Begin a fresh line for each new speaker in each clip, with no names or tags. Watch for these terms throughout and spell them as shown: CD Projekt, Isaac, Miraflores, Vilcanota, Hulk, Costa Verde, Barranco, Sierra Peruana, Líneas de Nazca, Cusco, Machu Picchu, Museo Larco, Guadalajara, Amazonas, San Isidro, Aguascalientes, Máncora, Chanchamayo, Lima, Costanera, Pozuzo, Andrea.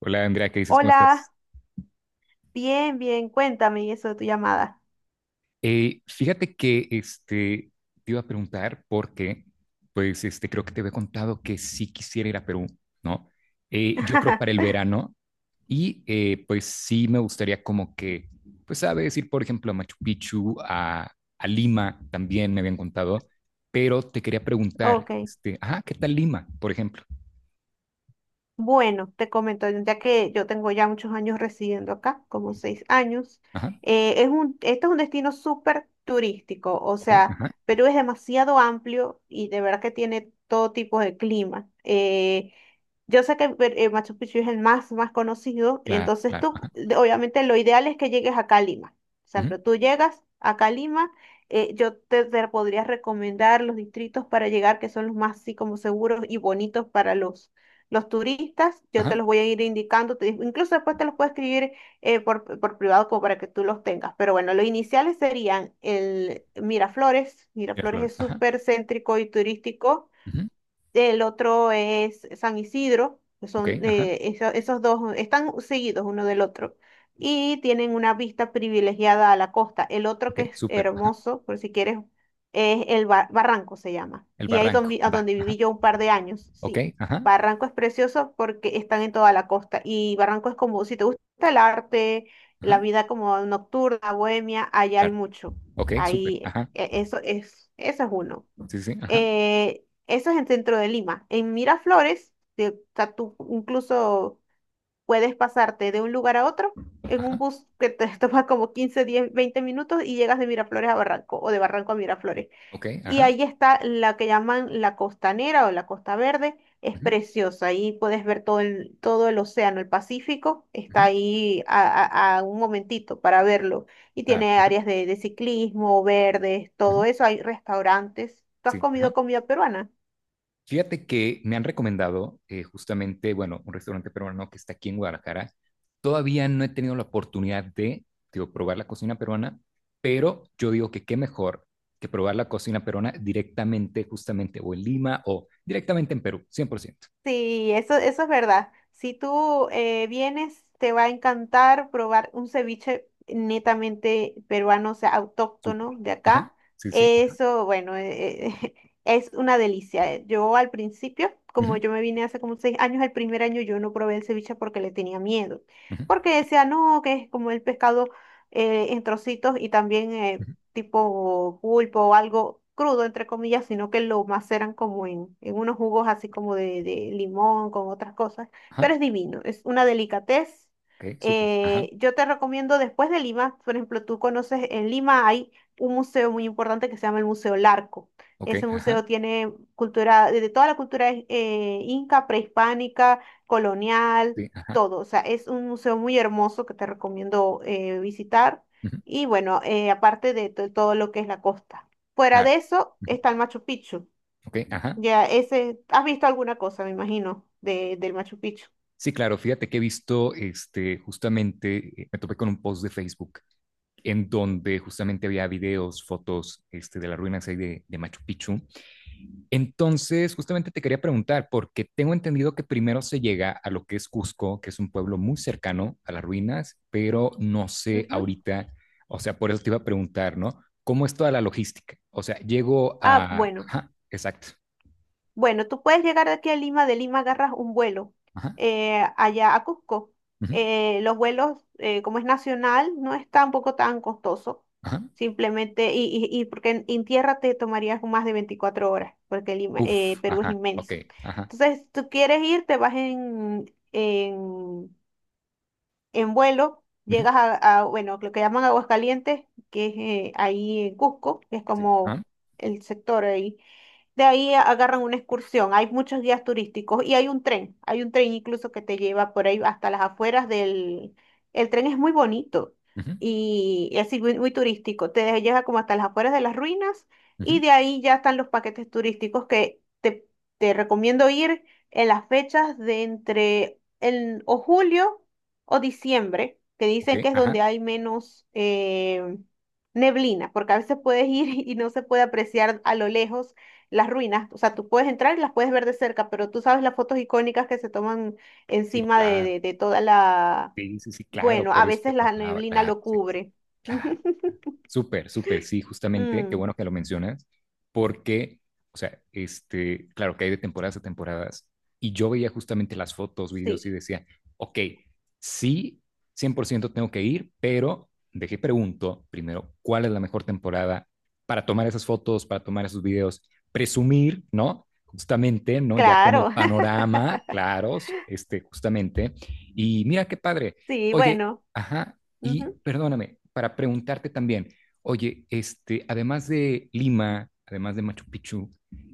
Hola Andrea, ¿qué dices? ¿Cómo estás?
Hola, bien, cuéntame y eso de tu llamada.
Fíjate que este, te iba a preguntar porque, pues este, creo que te había contado que sí quisiera ir a Perú, ¿no? Yo creo para el verano y pues sí me gustaría como que, pues sabes, ir por ejemplo a Machu Picchu, a Lima también me habían contado, pero te quería preguntar,
Ok.
este, ajá, ¿qué tal Lima, por ejemplo?
Bueno, te comento, ya que yo tengo ya muchos años residiendo acá, como 6 años,
Ajá,
es este es un destino súper turístico, o
ok,
sea,
ajá,
Perú es demasiado amplio y de verdad que tiene todo tipo de clima. Yo sé que Machu Picchu es el más conocido,
claro,
entonces
claro, ajá,
obviamente lo ideal es que llegues acá a Lima. O sea,
ujú,
pero tú llegas acá a Lima, yo te podría recomendar los distritos para llegar que son los más así como seguros y bonitos para los turistas, yo te
ajá,
los voy a ir indicando, incluso después te los puedo escribir por privado como para que tú los tengas. Pero bueno, los iniciales serían el Miraflores. Miraflores
Miraflores,
es
ajá,
súper céntrico y turístico.
ujú,
El otro es San Isidro, que
ok,
son
ajá,
esos dos están seguidos uno del otro y tienen una vista privilegiada a la costa. El otro
ok,
que es
súper, ajá.
hermoso, por si quieres, es el Barranco se llama.
El
Y ahí
barranco,
donde, a
va,
donde
ajá,
viví yo un par de años,
ok,
sí.
ajá,
Barranco es precioso porque están en toda la costa y Barranco es como, si te gusta el arte, la
ajá,
vida como nocturna, bohemia, allá hay
claro,
mucho.
ok, súper, ajá,
Eso es uno.
sí, sí, ajá,
Eso es en centro de Lima. En Miraflores, o sea, tú incluso puedes pasarte de un lugar a otro en un
ajá,
bus que te toma como 15, 10, 20 minutos y llegas de Miraflores a Barranco o de Barranco a Miraflores.
ok,
Y
ajá,
ahí está la que llaman la Costanera o la Costa Verde, es
ujú,
preciosa, ahí puedes ver todo el océano, el Pacífico, está
ujú,
ahí a un momentito para verlo. Y
claro,
tiene
ajá,
áreas de ciclismo, verdes,
ujú,
todo eso, hay restaurantes. ¿Tú has
sí, ajá.
comido comida peruana?
Fíjate que me han recomendado justamente, bueno, un restaurante peruano que está aquí en Guadalajara. Todavía no he tenido la oportunidad de, digo, probar la cocina peruana, pero yo digo que qué mejor que probar la cocina peruana directamente, justamente, o en Lima o directamente en Perú, 100%.
Sí, eso es verdad. Si tú vienes, te va a encantar probar un ceviche netamente peruano, o sea,
Súper.
autóctono de
Ajá,
acá.
sí, sí, ajá,
Eso, bueno, es una delicia. Yo al principio, como
ujú,
yo me vine hace como 6 años, el primer año yo no probé el ceviche porque le tenía miedo.
ujú,
Porque decía, no, que es como el pescado en trocitos y también
ujú,
tipo pulpo o algo crudo, entre comillas, sino que lo maceran como en unos jugos así como de limón, con otras cosas.
ajá,
Pero es divino, es una delicatez.
ok, súper. Ajá.
Yo te recomiendo después de Lima, por ejemplo, tú conoces en Lima hay un museo muy importante que se llama el Museo Larco.
Ok,
Ese
ajá.
museo tiene cultura, de toda la cultura inca, prehispánica, colonial,
Sí, ajá.
todo. O sea, es un museo muy hermoso que te recomiendo visitar.
Ujú,
Y bueno, aparte de todo lo que es la costa. Fuera
claro.
de eso
Ujú,
está el Machu Picchu.
ok, ajá.
Ya ese, has visto alguna cosa, me imagino, del Machu Picchu.
Sí, claro. Fíjate que he visto, este, justamente, me topé con un post de Facebook en donde justamente había videos, fotos, este, de las ruinas ahí de Machu Picchu. Entonces, justamente te quería preguntar, porque tengo entendido que primero se llega a lo que es Cusco, que es un pueblo muy cercano a las ruinas, pero no sé
Ujú.
ahorita, o sea, por eso te iba a preguntar, ¿no? ¿Cómo es toda la logística? O sea, llego
Ah,
a...
bueno.
Ajá, exacto.
Bueno, tú puedes llegar de aquí a Lima, de Lima agarras un vuelo
Ajá.
allá a Cusco.
Ujú,
Los vuelos, como es nacional, no es tampoco tan costoso.
ajá.
Simplemente, y porque en tierra te tomarías más de 24 horas, porque Lima,
Uf.
Perú es
Ajá. Ok.
inmenso.
Ajá.
Entonces, tú quieres ir, te vas en vuelo,
Ujú,
llegas a bueno, lo que llaman Aguascalientes, que es ahí en Cusco, que es
sí. Ajá.
como el sector ahí. De ahí agarran una excursión. Hay muchos guías turísticos y hay un tren. Hay un tren incluso que te lleva por ahí hasta las afueras del... El tren es muy bonito
Ujú,
y es muy turístico. Te lleva como hasta las afueras de las ruinas
ujú,
y de ahí ya están los paquetes turísticos que te recomiendo ir en las fechas de entre el, o julio o diciembre, que
ok.
dicen que es
Ajá.
donde hay menos neblina, porque a veces puedes ir y no se puede apreciar a lo lejos las ruinas, o sea, tú puedes entrar y las puedes ver de cerca, pero tú sabes las fotos icónicas que se toman
Sí, no,
encima
claro.
de toda la...
Sí, sí, sí, claro.
Bueno, a
Por eso
veces
te
la
preguntaba.
neblina
Claro.
lo
Sí, sí.
cubre.
Claro. Súper, súper, sí, justamente, qué
Mm,
bueno que lo mencionas, porque, o sea, este, claro que hay de temporadas a temporadas, y yo veía justamente las fotos, videos
sí,
y decía, ok, sí, 100% tengo que ir, pero dejé pregunto primero, ¿cuál es la mejor temporada para tomar esas fotos, para tomar esos videos? Presumir, ¿no? Justamente, ¿no? Ya con el
claro,
panorama, claros, este, justamente, y mira qué padre,
sí,
oye,
bueno.
ajá, y
Ujú.
perdóname, para preguntarte también, oye, este, además de Lima, además de Machu Picchu,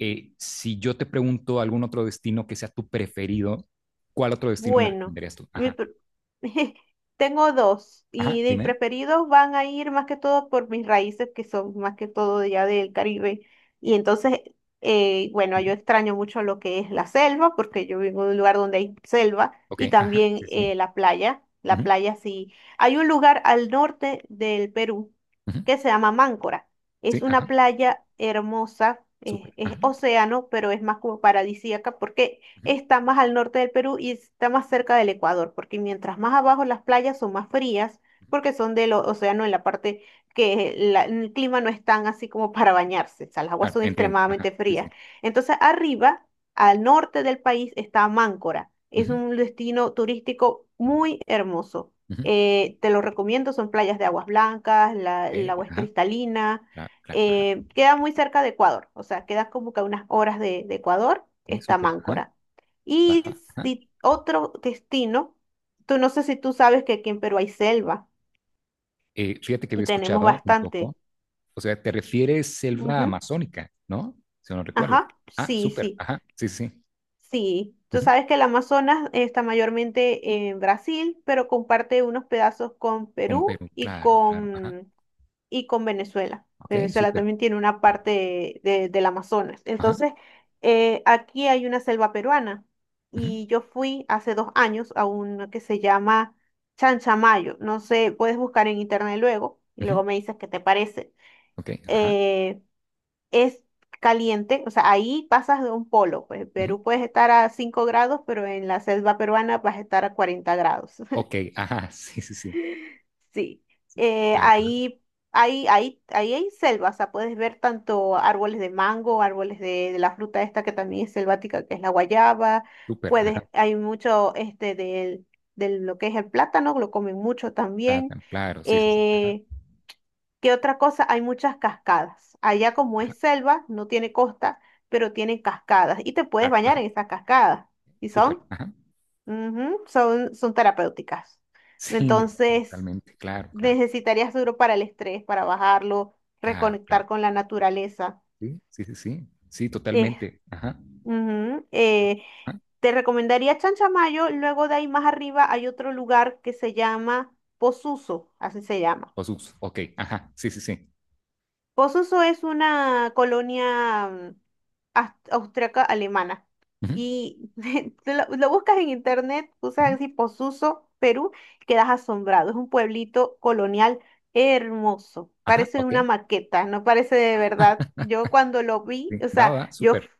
si yo te pregunto algún otro destino que sea tu preferido, ¿cuál otro destino me
Bueno,
recomendarías tú?
mi
Ajá,
pre- tengo dos
ajá,
y de mis
dime.
preferidos van a ir más que todo por mis raíces que son más que todo ya del Caribe. Entonces, bueno,
Ujú,
yo extraño mucho lo que es la selva porque yo vivo en un lugar donde hay selva
ok,
y
ajá,
también
sí, sí.
la playa. La
Ujú,
playa sí. Hay un lugar al norte del Perú
ujú,
que se llama Máncora.
sí,
Es una
ajá,
playa hermosa,
súper.
es
Ajá,
océano, pero es más como paradisíaca porque
ujú,
está más al norte del Perú y está más cerca del Ecuador, porque mientras más abajo las playas son más frías,
ujú,
porque son del océano en la parte que el clima no es tan así como para bañarse, o sea, las aguas
claro,
son
entiendo. Ajá,
extremadamente
sí, sí.
frías. Entonces, arriba, al norte del país, está Máncora. Es
Ujú,
un destino turístico muy hermoso.
ujú,
Te lo recomiendo, son playas de aguas blancas,
ok,
el agua es
ajá,
cristalina.
claro, claro, ajá,
Queda muy cerca de Ecuador, o sea, queda como que a unas horas de Ecuador,
ok,
está
súper, ajá,
Máncora.
va,
Y
va, ajá.
si otro destino, tú no sé si tú sabes que aquí en Perú hay selva
Fíjate que había
y tenemos
escuchado un
bastante.
poco, o sea, te refieres selva
Ujú.
amazónica, ¿no? Si no recuerdo.
Ajá,
Ah,
sí,
súper,
sí,
ajá, sí, sí.
sí. Tú
Ujú,
sabes que el Amazonas está mayormente en Brasil, pero comparte unos pedazos con
con
Perú
Perú, claro, claro, ajá,
y con Venezuela.
ok,
Venezuela
súper,
también tiene una parte del Amazonas.
ajá,
Entonces, aquí hay una selva peruana
ujú,
y yo fui hace 2 años a una que se llama Chanchamayo. No sé, puedes buscar en internet luego y
ujú,
luego me dices qué te parece.
ok, ajá,
Eh, es caliente, o sea, ahí pasas de un polo. Pues en
ujú,
Perú puedes estar a 5 grados, pero en la selva peruana vas a estar a 40 grados.
ok, ajá, sí, sí, sí,
Sí, eh,
claro, ajá,
ahí, ahí hay selva, o sea, puedes ver tanto árboles de mango, árboles de la fruta esta que también es selvática, que es la guayaba,
súper, ajá,
puedes, hay mucho este del lo que es el plátano, lo comen mucho también.
plátano, claro, sí, sí, sí, ajá,
Eh, ¿Qué otra cosa? Hay muchas cascadas. Allá como
ajá,
es selva, no tiene costa, pero tienen cascadas y te puedes
claro,
bañar
ajá,
en esas cascadas. ¿Y
súper,
son?
ajá,
Ujú, son terapéuticas.
sí, me parece
Entonces
totalmente, claro, claro,
necesitarías duro para el estrés, para bajarlo,
claro, claro,
reconectar con la naturaleza.
sí, sí, sí, sí, sí,
Eh,
totalmente, ajá,
ujú, eh,
ajá,
te recomendaría Chanchamayo, luego de ahí más arriba hay otro lugar que se llama Posuso, así se llama.
osus, ok, ajá, sí, sí, sí,
Pozuzo es una colonia austriaca alemana.
ujú,
Y te lo buscas en internet,
ujú,
usas así Pozuzo, Perú, quedas asombrado. Es un pueblito colonial hermoso.
ajá,
Parece
ok,
una maqueta, no parece de verdad. Yo cuando lo vi,
sí, va, va, súper,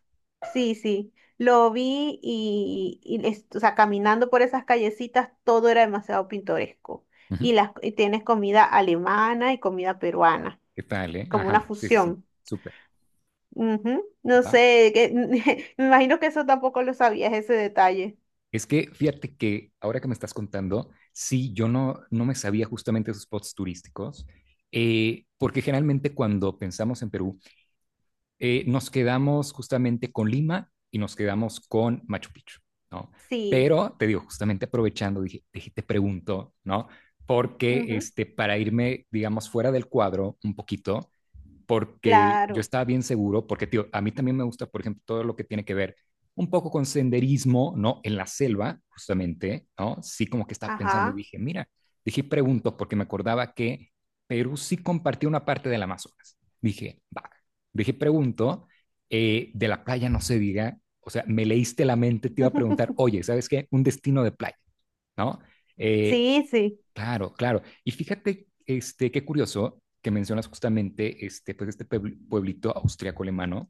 sí, sí, lo vi y o sea, caminando por esas callecitas, todo era demasiado pintoresco.
ujú,
Y tienes comida alemana y comida peruana
¿qué tal, eh?
como una
Ajá, sí, sí, sí,
fusión.
súper,
Ujú. No
va,
sé, que, me imagino que eso tampoco lo sabías, ese detalle.
es que fíjate que ahora que me estás contando, sí, yo no, no me sabía justamente esos spots turísticos, porque generalmente cuando pensamos en Perú, nos quedamos justamente con Lima y nos quedamos con Machu Picchu, ¿no?
Sí,
Pero te digo, justamente aprovechando, dije, dije, te pregunto, ¿no? Porque
ujú,
este, para irme, digamos, fuera del cuadro un poquito, porque yo
claro,
estaba bien seguro, porque tío, a mí también me gusta, por ejemplo, todo lo que tiene que ver un poco con senderismo, ¿no? En la selva, justamente, ¿no? Sí, como que estaba pensando y
ajá.
dije, mira, dije, pregunto, porque me acordaba que Perú sí compartía una parte del Amazonas. Dije, va, dije, pregunto, de la playa no se diga, o sea, me leíste la mente, te iba a preguntar, oye, ¿sabes qué? Un destino de playa, ¿no? Eh,
Sí, sí,
claro, claro. Y fíjate, este, qué curioso que mencionas justamente este, pues este pueblito austriaco-alemano,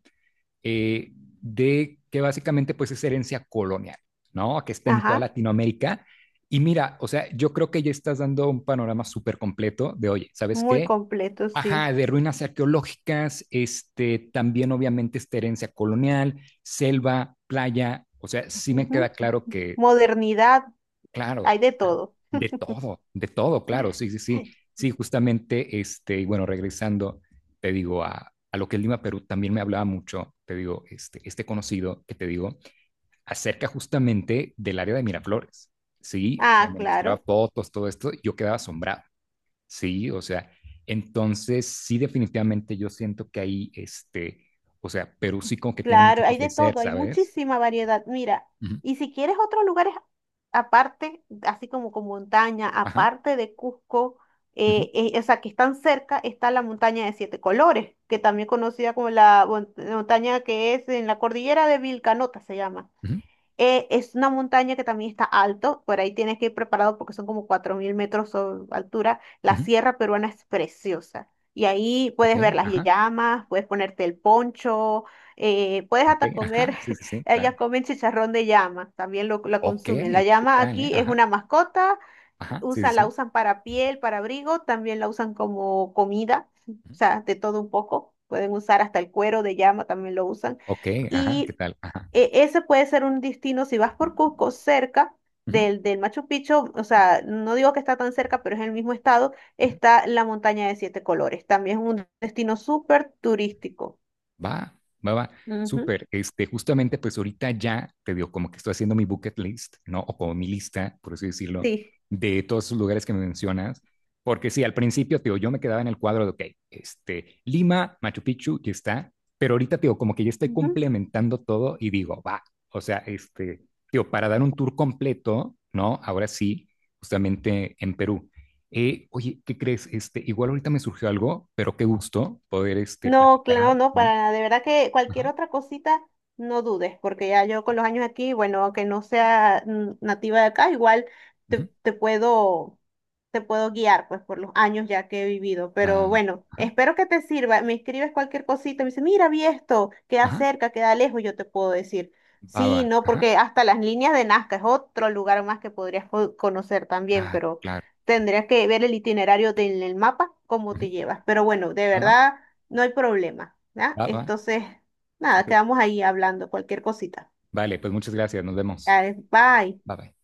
de que básicamente pues es herencia colonial, ¿no? Que está en toda
ajá.
Latinoamérica. Y mira, o sea, yo creo que ya estás dando un panorama súper completo de, oye, ¿sabes
Muy
qué?
completo, sí.
Ajá, de ruinas arqueológicas, este, también obviamente esta herencia colonial, selva, playa, o sea, sí me queda
Ujú.
claro que,
Modernidad,
claro,
hay de todo.
de todo, claro, sí, sí, sí. Sí, justamente, este, y bueno, regresando, te digo, a lo que es Lima, Perú, también me hablaba mucho, te digo, este conocido que te digo, acerca justamente del área de Miraflores, ¿sí? O sea,
Ah,
me mostraba
claro.
fotos, todo esto, y yo quedaba asombrado, ¿sí? O sea, entonces, sí, definitivamente yo siento que ahí, este, o sea, Perú sí como que tiene mucho
Claro,
que
hay de
ofrecer,
todo, hay
¿sabes?
muchísima variedad. Mira,
Ujú,
y si quieres otros lugares aparte, así como con montaña,
ajá,
aparte de Cusco,
ujú,
o sea, que están cerca, está la montaña de siete colores, que también conocida como la montaña que es en la cordillera de Vilcanota, se llama.
ujú,
Es una montaña que también está alto, por ahí tienes que ir preparado porque son como 4000 metros de altura. La
ujú,
Sierra Peruana es preciosa y ahí
ok,
puedes ver las
ajá,
llamas, puedes ponerte el poncho, puedes
ok,
hasta comer,
ajá, sí, sí, sí, claro.
ellas comen chicharrón de llama, también lo
Ok,
consumen. La
¿qué
llama
tal, eh?
aquí es
Ajá,
una mascota
ajá, sí,
usa,
sí.
la
sí.
usan para piel, para abrigo, también la usan como comida, o
Ujú.
sea, de todo un poco. Pueden usar hasta el cuero de llama, también lo usan.
Ok, ajá, ¿qué
Y
tal? Ajá.
ese puede ser un destino, si vas por Cusco, cerca
Ujú,
del Machu Picchu, o
sí,
sea, no digo que está tan cerca, pero es en el mismo estado,
ujú.
está la montaña de siete colores. También es un destino súper turístico.
Va, va, va.
Ujú,
Súper. Este, justamente, pues ahorita ya te digo, como que estoy haciendo mi bucket list, ¿no? O como mi lista, por así decirlo,
sí.
de todos esos lugares que me mencionas. Porque sí, al principio, te digo, yo me quedaba en el cuadro de, ok, este, Lima, Machu Picchu, ya está. Pero ahorita, te digo, como que ya estoy
Ujú.
complementando todo y digo, va. O sea, este, digo, para dar un tour completo, ¿no? Ahora sí, justamente en Perú. Oye, ¿qué crees? Este, igual ahorita me surgió algo, pero qué gusto poder, este,
No,
platicar,
claro, no,
¿no?
para, nada. De verdad que cualquier
Ajá.
otra cosita, no dudes, porque ya yo con
Ah,
los años aquí, bueno, aunque no sea nativa de acá, igual
ujú,
te, te puedo, te puedo guiar pues por los años ya que he vivido. Pero
ba-
bueno,
ajá,
espero que te sirva. Me escribes cualquier cosita, me dice, mira, vi esto, queda
ajá,
cerca, queda lejos, yo te puedo decir. Sí,
baba.
no,
Ajá.
porque hasta las líneas de Nazca es otro lugar más que podrías conocer también,
Claro,
pero
claro.
tendrías que ver el itinerario de el mapa, cómo
Ujú,
te llevas. Pero bueno, de
baba,
verdad, no hay problema, ¿ya?
baba.
Entonces, nada,
Súper.
quedamos ahí hablando cualquier cosita.
Vale, pues muchas gracias. Nos vemos.
Dale, bye.
Bye bye.